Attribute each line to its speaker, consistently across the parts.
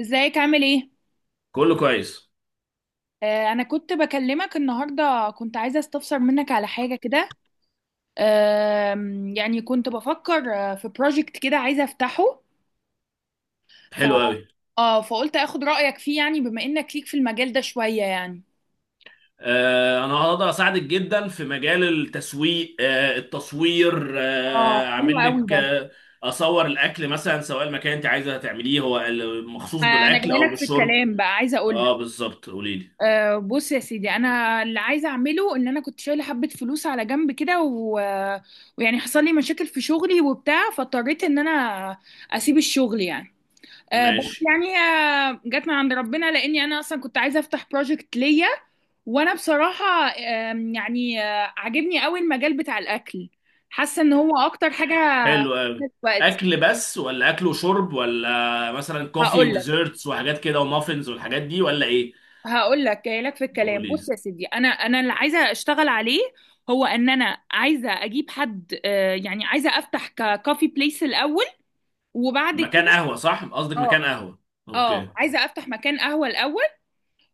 Speaker 1: ازيك عامل ايه؟
Speaker 2: كله كويس.
Speaker 1: انا كنت بكلمك النهارده، كنت عايزه استفسر منك على حاجه كده. يعني كنت بفكر في بروجكت كده عايزه افتحه. ف...
Speaker 2: حلو قوي.
Speaker 1: فقلت اخد رايك فيه، يعني بما انك ليك في المجال ده شويه يعني.
Speaker 2: انا هقدر اساعدك جدا في مجال التسويق، التصوير، آه
Speaker 1: اه، حلو
Speaker 2: اعمل
Speaker 1: قوي
Speaker 2: لك
Speaker 1: ده.
Speaker 2: آه اصور الاكل مثلا، سواء المكان انت عايزه تعمليه هو مخصوص
Speaker 1: انا
Speaker 2: بالاكل
Speaker 1: جاي
Speaker 2: او
Speaker 1: لك في
Speaker 2: بالشرب.
Speaker 1: الكلام بقى، عايزه اقول لك.
Speaker 2: اه بالظبط، قولي لي.
Speaker 1: بص يا سيدي، انا اللي عايزه اعمله ان انا كنت شايله حبه فلوس على جنب كده، ويعني حصل لي مشاكل في شغلي وبتاع، فاضطريت ان انا اسيب الشغل يعني. بس
Speaker 2: ماشي.
Speaker 1: يعني جت من عند ربنا، لاني انا اصلا كنت عايزه افتح بروجكت ليا. وانا بصراحه، يعني عاجبني قوي المجال بتاع الاكل، حاسه ان هو اكتر حاجه
Speaker 2: حلو قوي.
Speaker 1: في وقت.
Speaker 2: اكل بس ولا اكل وشرب، ولا مثلا كوفي
Speaker 1: هقول لك
Speaker 2: وديزرتس وحاجات كده ومافنز والحاجات دي، ولا ايه؟
Speaker 1: هقول لك، جاي لك في الكلام.
Speaker 2: قولي
Speaker 1: بص
Speaker 2: لي.
Speaker 1: يا سيدي، انا اللي عايزه اشتغل عليه هو ان انا عايزه اجيب حد، يعني عايزه افتح كافي بليس الاول، وبعد كده.
Speaker 2: مكان قهوه، صح؟ قصدك
Speaker 1: اه
Speaker 2: مكان قهوه.
Speaker 1: اه،
Speaker 2: اوكي.
Speaker 1: عايزه افتح مكان قهوه الاول،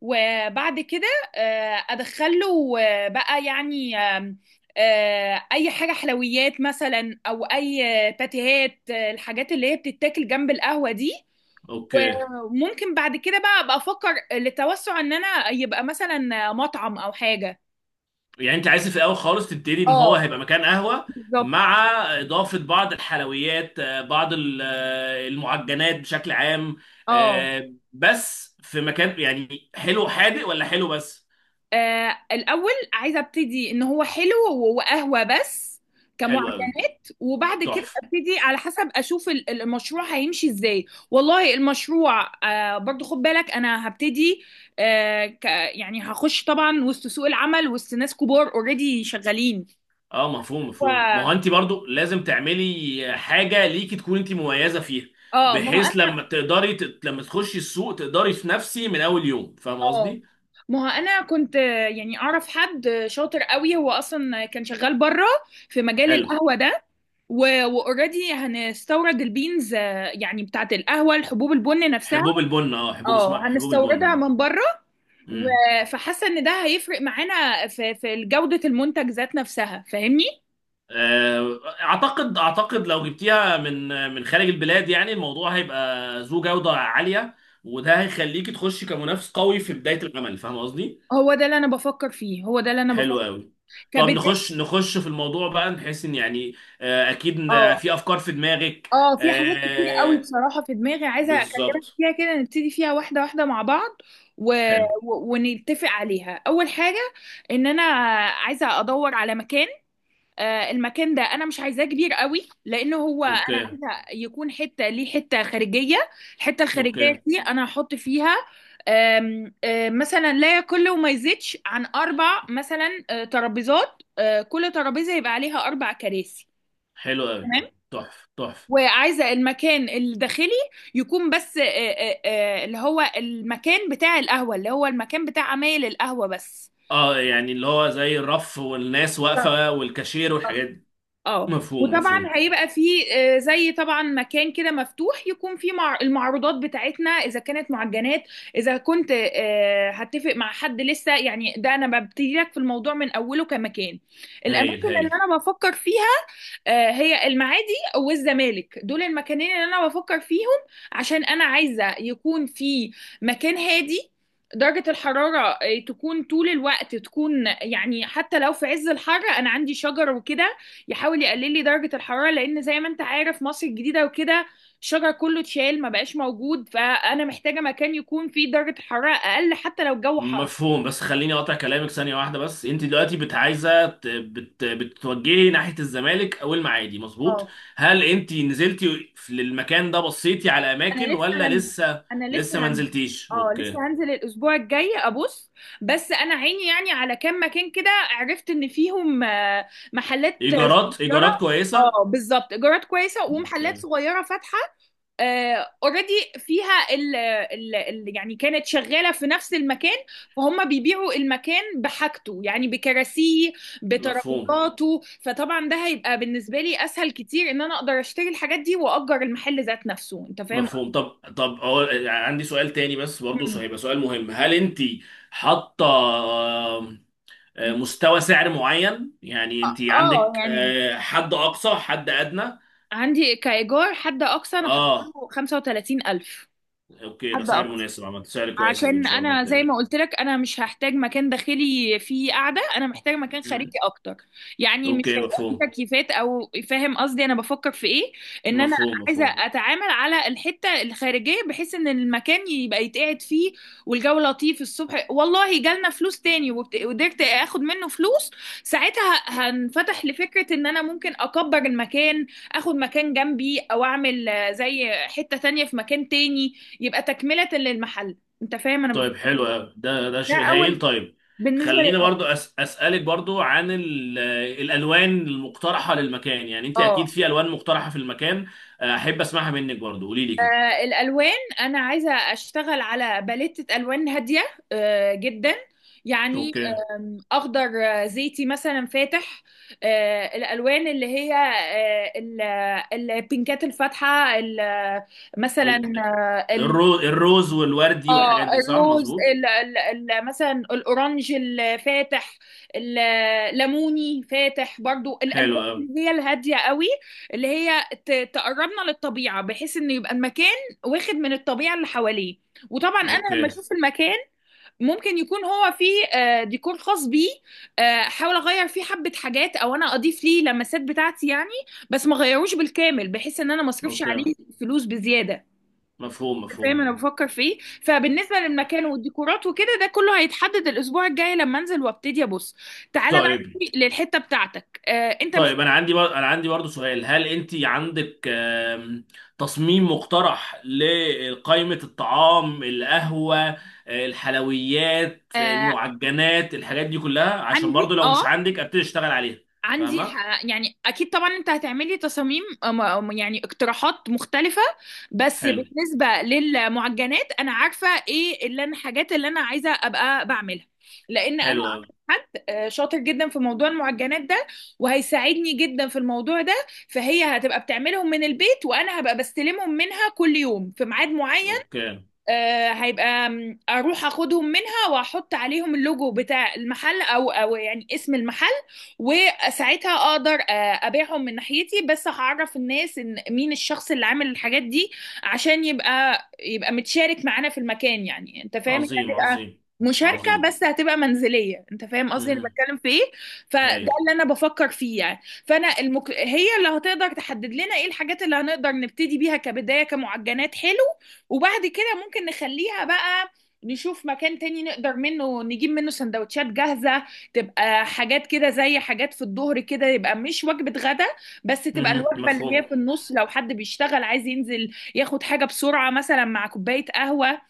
Speaker 1: وبعد كده ادخله بقى يعني آم، آه، اي حاجه حلويات مثلا، او اي باتيهات، الحاجات اللي هي بتتاكل جنب القهوه دي.
Speaker 2: اوكي،
Speaker 1: وممكن بعد كده بقى ابقى افكر للتوسع ان انا يبقى مثلا مطعم او حاجه.
Speaker 2: يعني انت عايز في الاول خالص تبتدي ان هو
Speaker 1: اه،
Speaker 2: هيبقى مكان قهوه،
Speaker 1: بالظبط.
Speaker 2: مع اضافه بعض الحلويات، بعض المعجنات بشكل عام.
Speaker 1: اه،
Speaker 2: بس في مكان، يعني حلو حادق ولا حلو بس؟
Speaker 1: الاول عايزه ابتدي ان هو حلو وقهوه بس،
Speaker 2: حلو
Speaker 1: كمعتمد،
Speaker 2: قوي.
Speaker 1: وبعد كده
Speaker 2: تحفه.
Speaker 1: ابتدي على حسب اشوف المشروع هيمشي ازاي. والله المشروع برضو، خد بالك انا هبتدي، آه ك يعني هخش طبعا وسط سوق العمل، وسط ناس كبار اوريدي شغالين.
Speaker 2: اه مفهوم مفهوم، ما هو
Speaker 1: و...
Speaker 2: انت برضو لازم تعملي حاجه ليكي تكون انت مميزه فيها،
Speaker 1: اه.
Speaker 2: بحيث لما لما تخشي السوق تقدري تنافسي من اول يوم، فاهم
Speaker 1: اه
Speaker 2: قصدي؟
Speaker 1: ما هو انا كنت يعني اعرف حد شاطر قوي، هو اصلا كان شغال بره في مجال
Speaker 2: حلو.
Speaker 1: القهوة ده. واوريدي هنستورد البينز، يعني بتاعت القهوة، الحبوب، البن نفسها.
Speaker 2: حبوب البن، اه حبوب،
Speaker 1: اه،
Speaker 2: اسمها حبوب البن
Speaker 1: هنستوردها
Speaker 2: اه.
Speaker 1: من بره، فحاسه ان ده هيفرق معانا في جوده المنتج ذات نفسها، فاهمني؟
Speaker 2: اعتقد لو جبتيها من من خارج البلاد، يعني الموضوع هيبقى ذو جودة عالية، وده هيخليكي تخشي كمنافس قوي في بداية العمل، فاهم قصدي؟
Speaker 1: هو ده اللي انا بفكر فيه، هو ده اللي انا
Speaker 2: حلو
Speaker 1: بفكر،
Speaker 2: قوي. طب
Speaker 1: كبدايه.
Speaker 2: نخش في الموضوع بقى، نحس ان يعني، اكيد إن
Speaker 1: اه.
Speaker 2: في افكار في دماغك.
Speaker 1: اه، في حاجات كتير قوي
Speaker 2: آه،
Speaker 1: بصراحه في دماغي عايزه اكلمك
Speaker 2: بالظبط.
Speaker 1: فيها كده، نبتدي فيها واحده واحده مع بعض، و...
Speaker 2: حلو.
Speaker 1: ونتفق عليها. اول حاجه ان انا عايزه ادور على مكان. المكان ده انا مش عايزاه كبير قوي، لان هو
Speaker 2: اوكي.
Speaker 1: انا عايزه يكون حته ليه، حته خارجيه. الحته
Speaker 2: اوكي.
Speaker 1: الخارجيه دي انا هحط فيها آم، آه، مثلا لا يقل وما يزيدش عن اربع مثلا ترابيزات، كل ترابيزه يبقى عليها اربع كراسي.
Speaker 2: حلو قوي.
Speaker 1: تمام.
Speaker 2: تحفة تحفة.
Speaker 1: وعايزه المكان الداخلي يكون بس، اللي هو المكان بتاع القهوه، اللي هو المكان بتاع عمايل القهوه بس.
Speaker 2: اه يعني اللي هو زي الرف والناس واقفة والكاشير
Speaker 1: طب.
Speaker 2: والحاجات دي.
Speaker 1: اه،
Speaker 2: مفهوم
Speaker 1: وطبعا
Speaker 2: مفهوم.
Speaker 1: هيبقى فيه زي طبعا مكان كده مفتوح، يكون فيه مع المعروضات بتاعتنا اذا كانت معجنات، اذا كنت هتفق مع حد. لسه يعني، ده انا ببتدي لك في الموضوع من اوله كمكان.
Speaker 2: هايل
Speaker 1: الاماكن اللي
Speaker 2: هايل.
Speaker 1: انا بفكر فيها هي المعادي والزمالك، دول المكانين اللي انا بفكر فيهم. عشان انا عايزه يكون في مكان هادي، درجة الحرارة تكون طول الوقت تكون، يعني حتى لو في عز الحر أنا عندي شجر وكده يحاول يقلل لي درجة الحرارة. لأن زي ما أنت عارف، مصر الجديدة وكده الشجر كله اتشال، ما بقاش موجود، فأنا محتاجة مكان يكون فيه درجة حرارة أقل حتى لو الجو حر.
Speaker 2: مفهوم، بس خليني اقطع كلامك ثانية واحدة بس. انت دلوقتي بت عايزة ت- بت بتتوجهي ناحية الزمالك او المعادي، مظبوط؟
Speaker 1: اه.
Speaker 2: هل انت نزلتي للمكان ده، بصيتي على
Speaker 1: انا
Speaker 2: اماكن
Speaker 1: لسه
Speaker 2: ولا
Speaker 1: هنزل،
Speaker 2: لسه؟
Speaker 1: انا
Speaker 2: لسه
Speaker 1: لسه
Speaker 2: ما
Speaker 1: هنزل.
Speaker 2: نزلتيش،
Speaker 1: اه،
Speaker 2: اوكي.
Speaker 1: لسه هنزل الاسبوع الجاي ابص. بس انا عيني يعني على كام مكان كده، عرفت ان فيهم محلات
Speaker 2: ايجارات،
Speaker 1: صغيره.
Speaker 2: ايجارات كويسة.
Speaker 1: اه بالظبط، ايجارات كويسه
Speaker 2: اوكي.
Speaker 1: ومحلات صغيره فاتحه اوريدي فيها. ال ال ال يعني كانت شغاله في نفس المكان، فهم بيبيعوا المكان بحاجته يعني، بكراسيه
Speaker 2: مفهوم
Speaker 1: بترابيزاته. فطبعا ده هيبقى بالنسبه لي اسهل كتير، ان انا اقدر اشتري الحاجات دي واجر المحل ذات نفسه. انت فاهم؟
Speaker 2: مفهوم. طب طب أقول، عندي سؤال تاني بس برضه،
Speaker 1: مم.
Speaker 2: هيبقى سؤال مهم. هل انت حاطة، آم، آه،
Speaker 1: مم.
Speaker 2: مستوى سعر معين؟ يعني انت
Speaker 1: اه،
Speaker 2: عندك
Speaker 1: يعني
Speaker 2: حد اقصى، حد ادنى؟
Speaker 1: عندي كإيجار حد أقصى أنا حاطه
Speaker 2: اه.
Speaker 1: له 35,000.
Speaker 2: اوكي، ده
Speaker 1: حد
Speaker 2: سعر
Speaker 1: أقصى،
Speaker 2: مناسب، عملت سعر كويس أوي، ان
Speaker 1: عشان
Speaker 2: شاء الله
Speaker 1: انا زي
Speaker 2: تلاقي.
Speaker 1: ما قلت لك انا مش هحتاج مكان داخلي فيه قاعده، انا محتاج مكان خارجي
Speaker 2: مم.
Speaker 1: اكتر، يعني مش
Speaker 2: اوكي
Speaker 1: هيبقى فيه
Speaker 2: مفهوم.
Speaker 1: تكييفات، او فاهم قصدي انا بفكر في ايه؟ ان انا
Speaker 2: مفهوم
Speaker 1: عايزه
Speaker 2: مفهوم.
Speaker 1: اتعامل على الحته الخارجيه بحيث ان المكان يبقى يتقعد فيه والجو لطيف الصبح. والله جالنا فلوس تاني وقدرت اخد منه فلوس، ساعتها هنفتح لفكره ان انا ممكن اكبر المكان، اخد مكان جنبي، او اعمل زي حته تانية في مكان تاني، يبقى تكمله للمحل. انت فاهم انا
Speaker 2: طيب
Speaker 1: بفكر؟
Speaker 2: حلو أوي. ده ده
Speaker 1: ده
Speaker 2: شيء
Speaker 1: اول،
Speaker 2: هايل. طيب
Speaker 1: بالنسبه
Speaker 2: خلينا
Speaker 1: للمرأة.
Speaker 2: برضو اسالك برضو عن الالوان المقترحه للمكان، يعني انت اكيد
Speaker 1: اه.
Speaker 2: في الوان مقترحه في المكان. احب اسمعها منك برضو، قولي لي كده.
Speaker 1: الالوان، انا عايزه اشتغل على باليتة الوان هاديه جدا يعني.
Speaker 2: اوكي.
Speaker 1: اخضر زيتي مثلا فاتح، الالوان اللي هي البينكات الفاتحه، مثلا.
Speaker 2: ال- الروز والوردي
Speaker 1: اه،
Speaker 2: والحاجات دي، صح؟
Speaker 1: الروز،
Speaker 2: مظبوط.
Speaker 1: ال ال ال مثلا الاورنج الفاتح، الليموني فاتح برضو،
Speaker 2: حلو
Speaker 1: الالوان
Speaker 2: أوي.
Speaker 1: اللي هي الهاديه قوي، اللي هي تقربنا للطبيعه، بحيث ان يبقى المكان واخد من الطبيعه اللي حواليه. وطبعا انا
Speaker 2: اوكي.
Speaker 1: لما اشوف المكان ممكن يكون هو فيه ديكور خاص بيه، آه، احاول اغير فيه حبه حاجات، او انا اضيف ليه لمسات بتاعتي يعني، بس ما غيروش بالكامل بحيث ان انا ما اصرفش
Speaker 2: اوكي.
Speaker 1: عليه فلوس بزياده.
Speaker 2: مفهوم
Speaker 1: فاهم انا
Speaker 2: مفهوم.
Speaker 1: بفكر فيه؟ فبالنسبه للمكان والديكورات وكده، ده كله هيتحدد الاسبوع الجاي لما انزل وابتدي ابص. تعالى بقى
Speaker 2: طيب
Speaker 1: نيجي للحته بتاعتك. آه، انت
Speaker 2: طيب انا انا عندي برضه سؤال. هل انت عندك تصميم مقترح لقائمة الطعام، القهوة، الحلويات،
Speaker 1: آه،
Speaker 2: المعجنات، الحاجات دي كلها؟ عشان برضه
Speaker 1: عندي.
Speaker 2: لو مش
Speaker 1: اه،
Speaker 2: عندك، ابتدي اشتغل عليها.
Speaker 1: عندي
Speaker 2: فاهمة.
Speaker 1: يعني اكيد طبعا انت هتعملي تصاميم يعني اقتراحات مختلفة. بس
Speaker 2: حلو.
Speaker 1: بالنسبة للمعجنات انا عارفة ايه اللي انا، الحاجات اللي انا عايزة ابقى بعملها. لان انا
Speaker 2: حلو
Speaker 1: أعرف
Speaker 2: أوي.
Speaker 1: حد شاطر جدا في موضوع المعجنات ده، وهيساعدني جدا في الموضوع ده. فهي هتبقى بتعملهم من البيت، وانا هبقى بستلمهم منها كل يوم في ميعاد معين،
Speaker 2: اوكي.
Speaker 1: هيبقى اروح اخدهم منها واحط عليهم اللوجو بتاع المحل، او يعني اسم المحل. وساعتها اقدر ابيعهم من ناحيتي، بس هعرف الناس ان مين الشخص اللي عامل الحاجات دي، عشان يبقى متشارك معانا في المكان. يعني انت فاهم، هي
Speaker 2: عظيم
Speaker 1: هتبقى
Speaker 2: عظيم.
Speaker 1: مشاركة
Speaker 2: عظيم.
Speaker 1: بس هتبقى منزلية. انت فاهم قصدي انا
Speaker 2: مهم.
Speaker 1: بتكلم في ايه؟ فده
Speaker 2: هايل.
Speaker 1: اللي انا بفكر فيه يعني. فانا هي اللي هتقدر تحدد لنا ايه الحاجات اللي هنقدر نبتدي بيها كبداية كمعجنات حلو. وبعد كده ممكن نخليها بقى، نشوف مكان تاني نقدر نجيب منه سندوتشات جاهزة، تبقى حاجات كده زي حاجات في الظهر كده، يبقى مش وجبة غدا، بس تبقى
Speaker 2: مهم.
Speaker 1: الوجبة اللي هي
Speaker 2: مفهوم.
Speaker 1: في النص، لو حد بيشتغل عايز ينزل ياخد حاجة بسرعة مثلا مع كوباية قهوة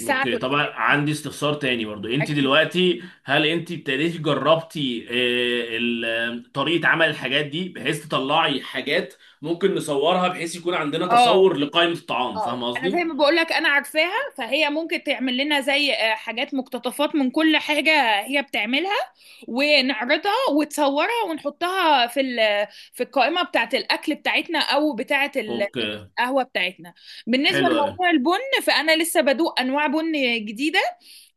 Speaker 2: اوكي. طبعا عندي استفسار تاني برضو. انت
Speaker 1: الأكل،
Speaker 2: دلوقتي هل انت ابتديتي جربتي طريقة عمل الحاجات دي، بحيث تطلعي حاجات ممكن نصورها بحيث يكون عندنا
Speaker 1: اه.
Speaker 2: تصور لقائمة الطعام، فاهم
Speaker 1: اه انا زي
Speaker 2: قصدي؟
Speaker 1: ما بقول لك انا عارفاها، فهي ممكن تعمل لنا زي حاجات مقتطفات من كل حاجة هي بتعملها، ونعرضها وتصورها ونحطها في في القائمة بتاعة الأكل بتاعتنا أو بتاعة
Speaker 2: اوكي.
Speaker 1: القهوة بتاعتنا. بالنسبة
Speaker 2: حلو قوي.
Speaker 1: لموضوع البن، فأنا لسه بدوق أنواع بن جديدة.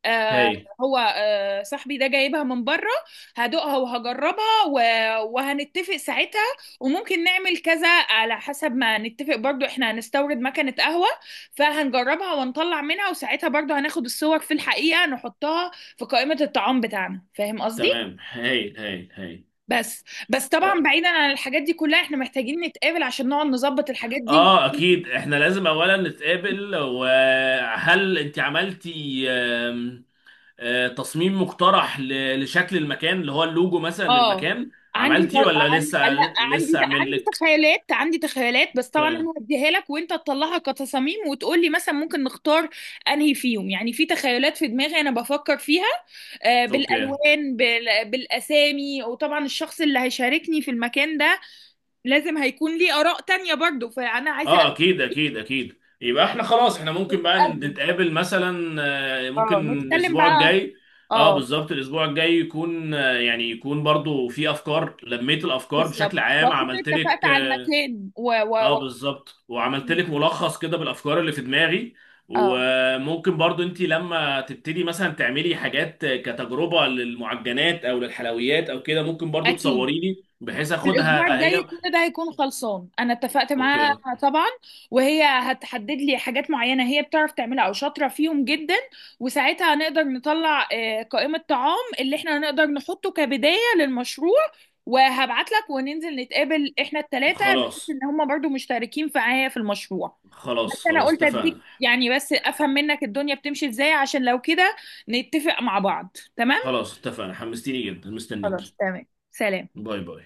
Speaker 1: آه،
Speaker 2: هايل.
Speaker 1: هو، آه صاحبي ده جايبها من بره، هدوقها وهجربها وهنتفق ساعتها. وممكن نعمل كذا على حسب ما نتفق، برضو احنا هنستورد مكنة قهوة، فهنجربها ونطلع منها، وساعتها برضو هناخد الصور في الحقيقة، نحطها في قائمة الطعام بتاعنا، فاهم قصدي؟
Speaker 2: تمام هايل هايل هايل.
Speaker 1: بس بس طبعا
Speaker 2: اه،
Speaker 1: بعيدا عن الحاجات دي كلها، احنا محتاجين نتقابل عشان نقعد نظبط الحاجات دي
Speaker 2: اكيد احنا لازم اولا نتقابل. وهل انت عملتي تصميم مقترح لشكل المكان، اللي هو اللوجو مثلا
Speaker 1: اه.
Speaker 2: للمكان،
Speaker 1: عندي،
Speaker 2: عملتي ولا لسه؟
Speaker 1: عندي لا عندي.
Speaker 2: لسه اعمل
Speaker 1: عندي
Speaker 2: لك.
Speaker 1: تخيلات، عندي تخيلات، بس طبعا
Speaker 2: اوكي.
Speaker 1: انا هديها لك وانت تطلعها كتصاميم وتقول لي مثلا ممكن نختار انهي فيهم. يعني في تخيلات في دماغي انا بفكر فيها، آه،
Speaker 2: أوكي.
Speaker 1: بالالوان بالاسامي. وطبعا الشخص اللي هيشاركني في المكان ده لازم هيكون ليه اراء تانية برضو، فانا عايزه
Speaker 2: اه اكيد اكيد اكيد. يبقى احنا خلاص، احنا ممكن بقى
Speaker 1: اقابله.
Speaker 2: نتقابل مثلا،
Speaker 1: اه،
Speaker 2: ممكن
Speaker 1: نتكلم
Speaker 2: الاسبوع
Speaker 1: بقى.
Speaker 2: الجاي. اه
Speaker 1: اه،
Speaker 2: بالظبط، الاسبوع الجاي يكون يعني يكون برضو في افكار، لميت الافكار بشكل
Speaker 1: بالظبط،
Speaker 2: عام،
Speaker 1: واكون
Speaker 2: عملت
Speaker 1: اتفقت
Speaker 2: لك.
Speaker 1: على المكان
Speaker 2: اه بالظبط، وعملت لك ملخص كده بالافكار اللي في دماغي.
Speaker 1: اه،
Speaker 2: وممكن برضو انت لما تبتدي مثلا تعملي حاجات كتجربة للمعجنات او للحلويات او كده، ممكن برضو
Speaker 1: اكيد.
Speaker 2: تصوري لي بحيث
Speaker 1: الاسبوع
Speaker 2: اخدها
Speaker 1: الجاي
Speaker 2: هي.
Speaker 1: كل ده هيكون خلصان، انا اتفقت معاها
Speaker 2: اوكي.
Speaker 1: طبعا، وهي هتحدد لي حاجات معينه هي بتعرف تعملها او شاطره فيهم جدا، وساعتها هنقدر نطلع قائمه طعام اللي احنا هنقدر نحطه كبدايه للمشروع، وهبعت لك وننزل نتقابل احنا الثلاثه، بحيث
Speaker 2: خلاص.
Speaker 1: ان هم برضو مشتركين معايا في المشروع. بس
Speaker 2: خلاص
Speaker 1: انا
Speaker 2: خلاص
Speaker 1: قلت اديك
Speaker 2: اتفقنا.
Speaker 1: يعني بس افهم منك الدنيا بتمشي ازاي، عشان لو كده نتفق مع بعض. تمام،
Speaker 2: خلاص اتفقنا، حمستيني جدا،
Speaker 1: خلاص،
Speaker 2: مستنيكي.
Speaker 1: تمام، سلام.
Speaker 2: باي باي.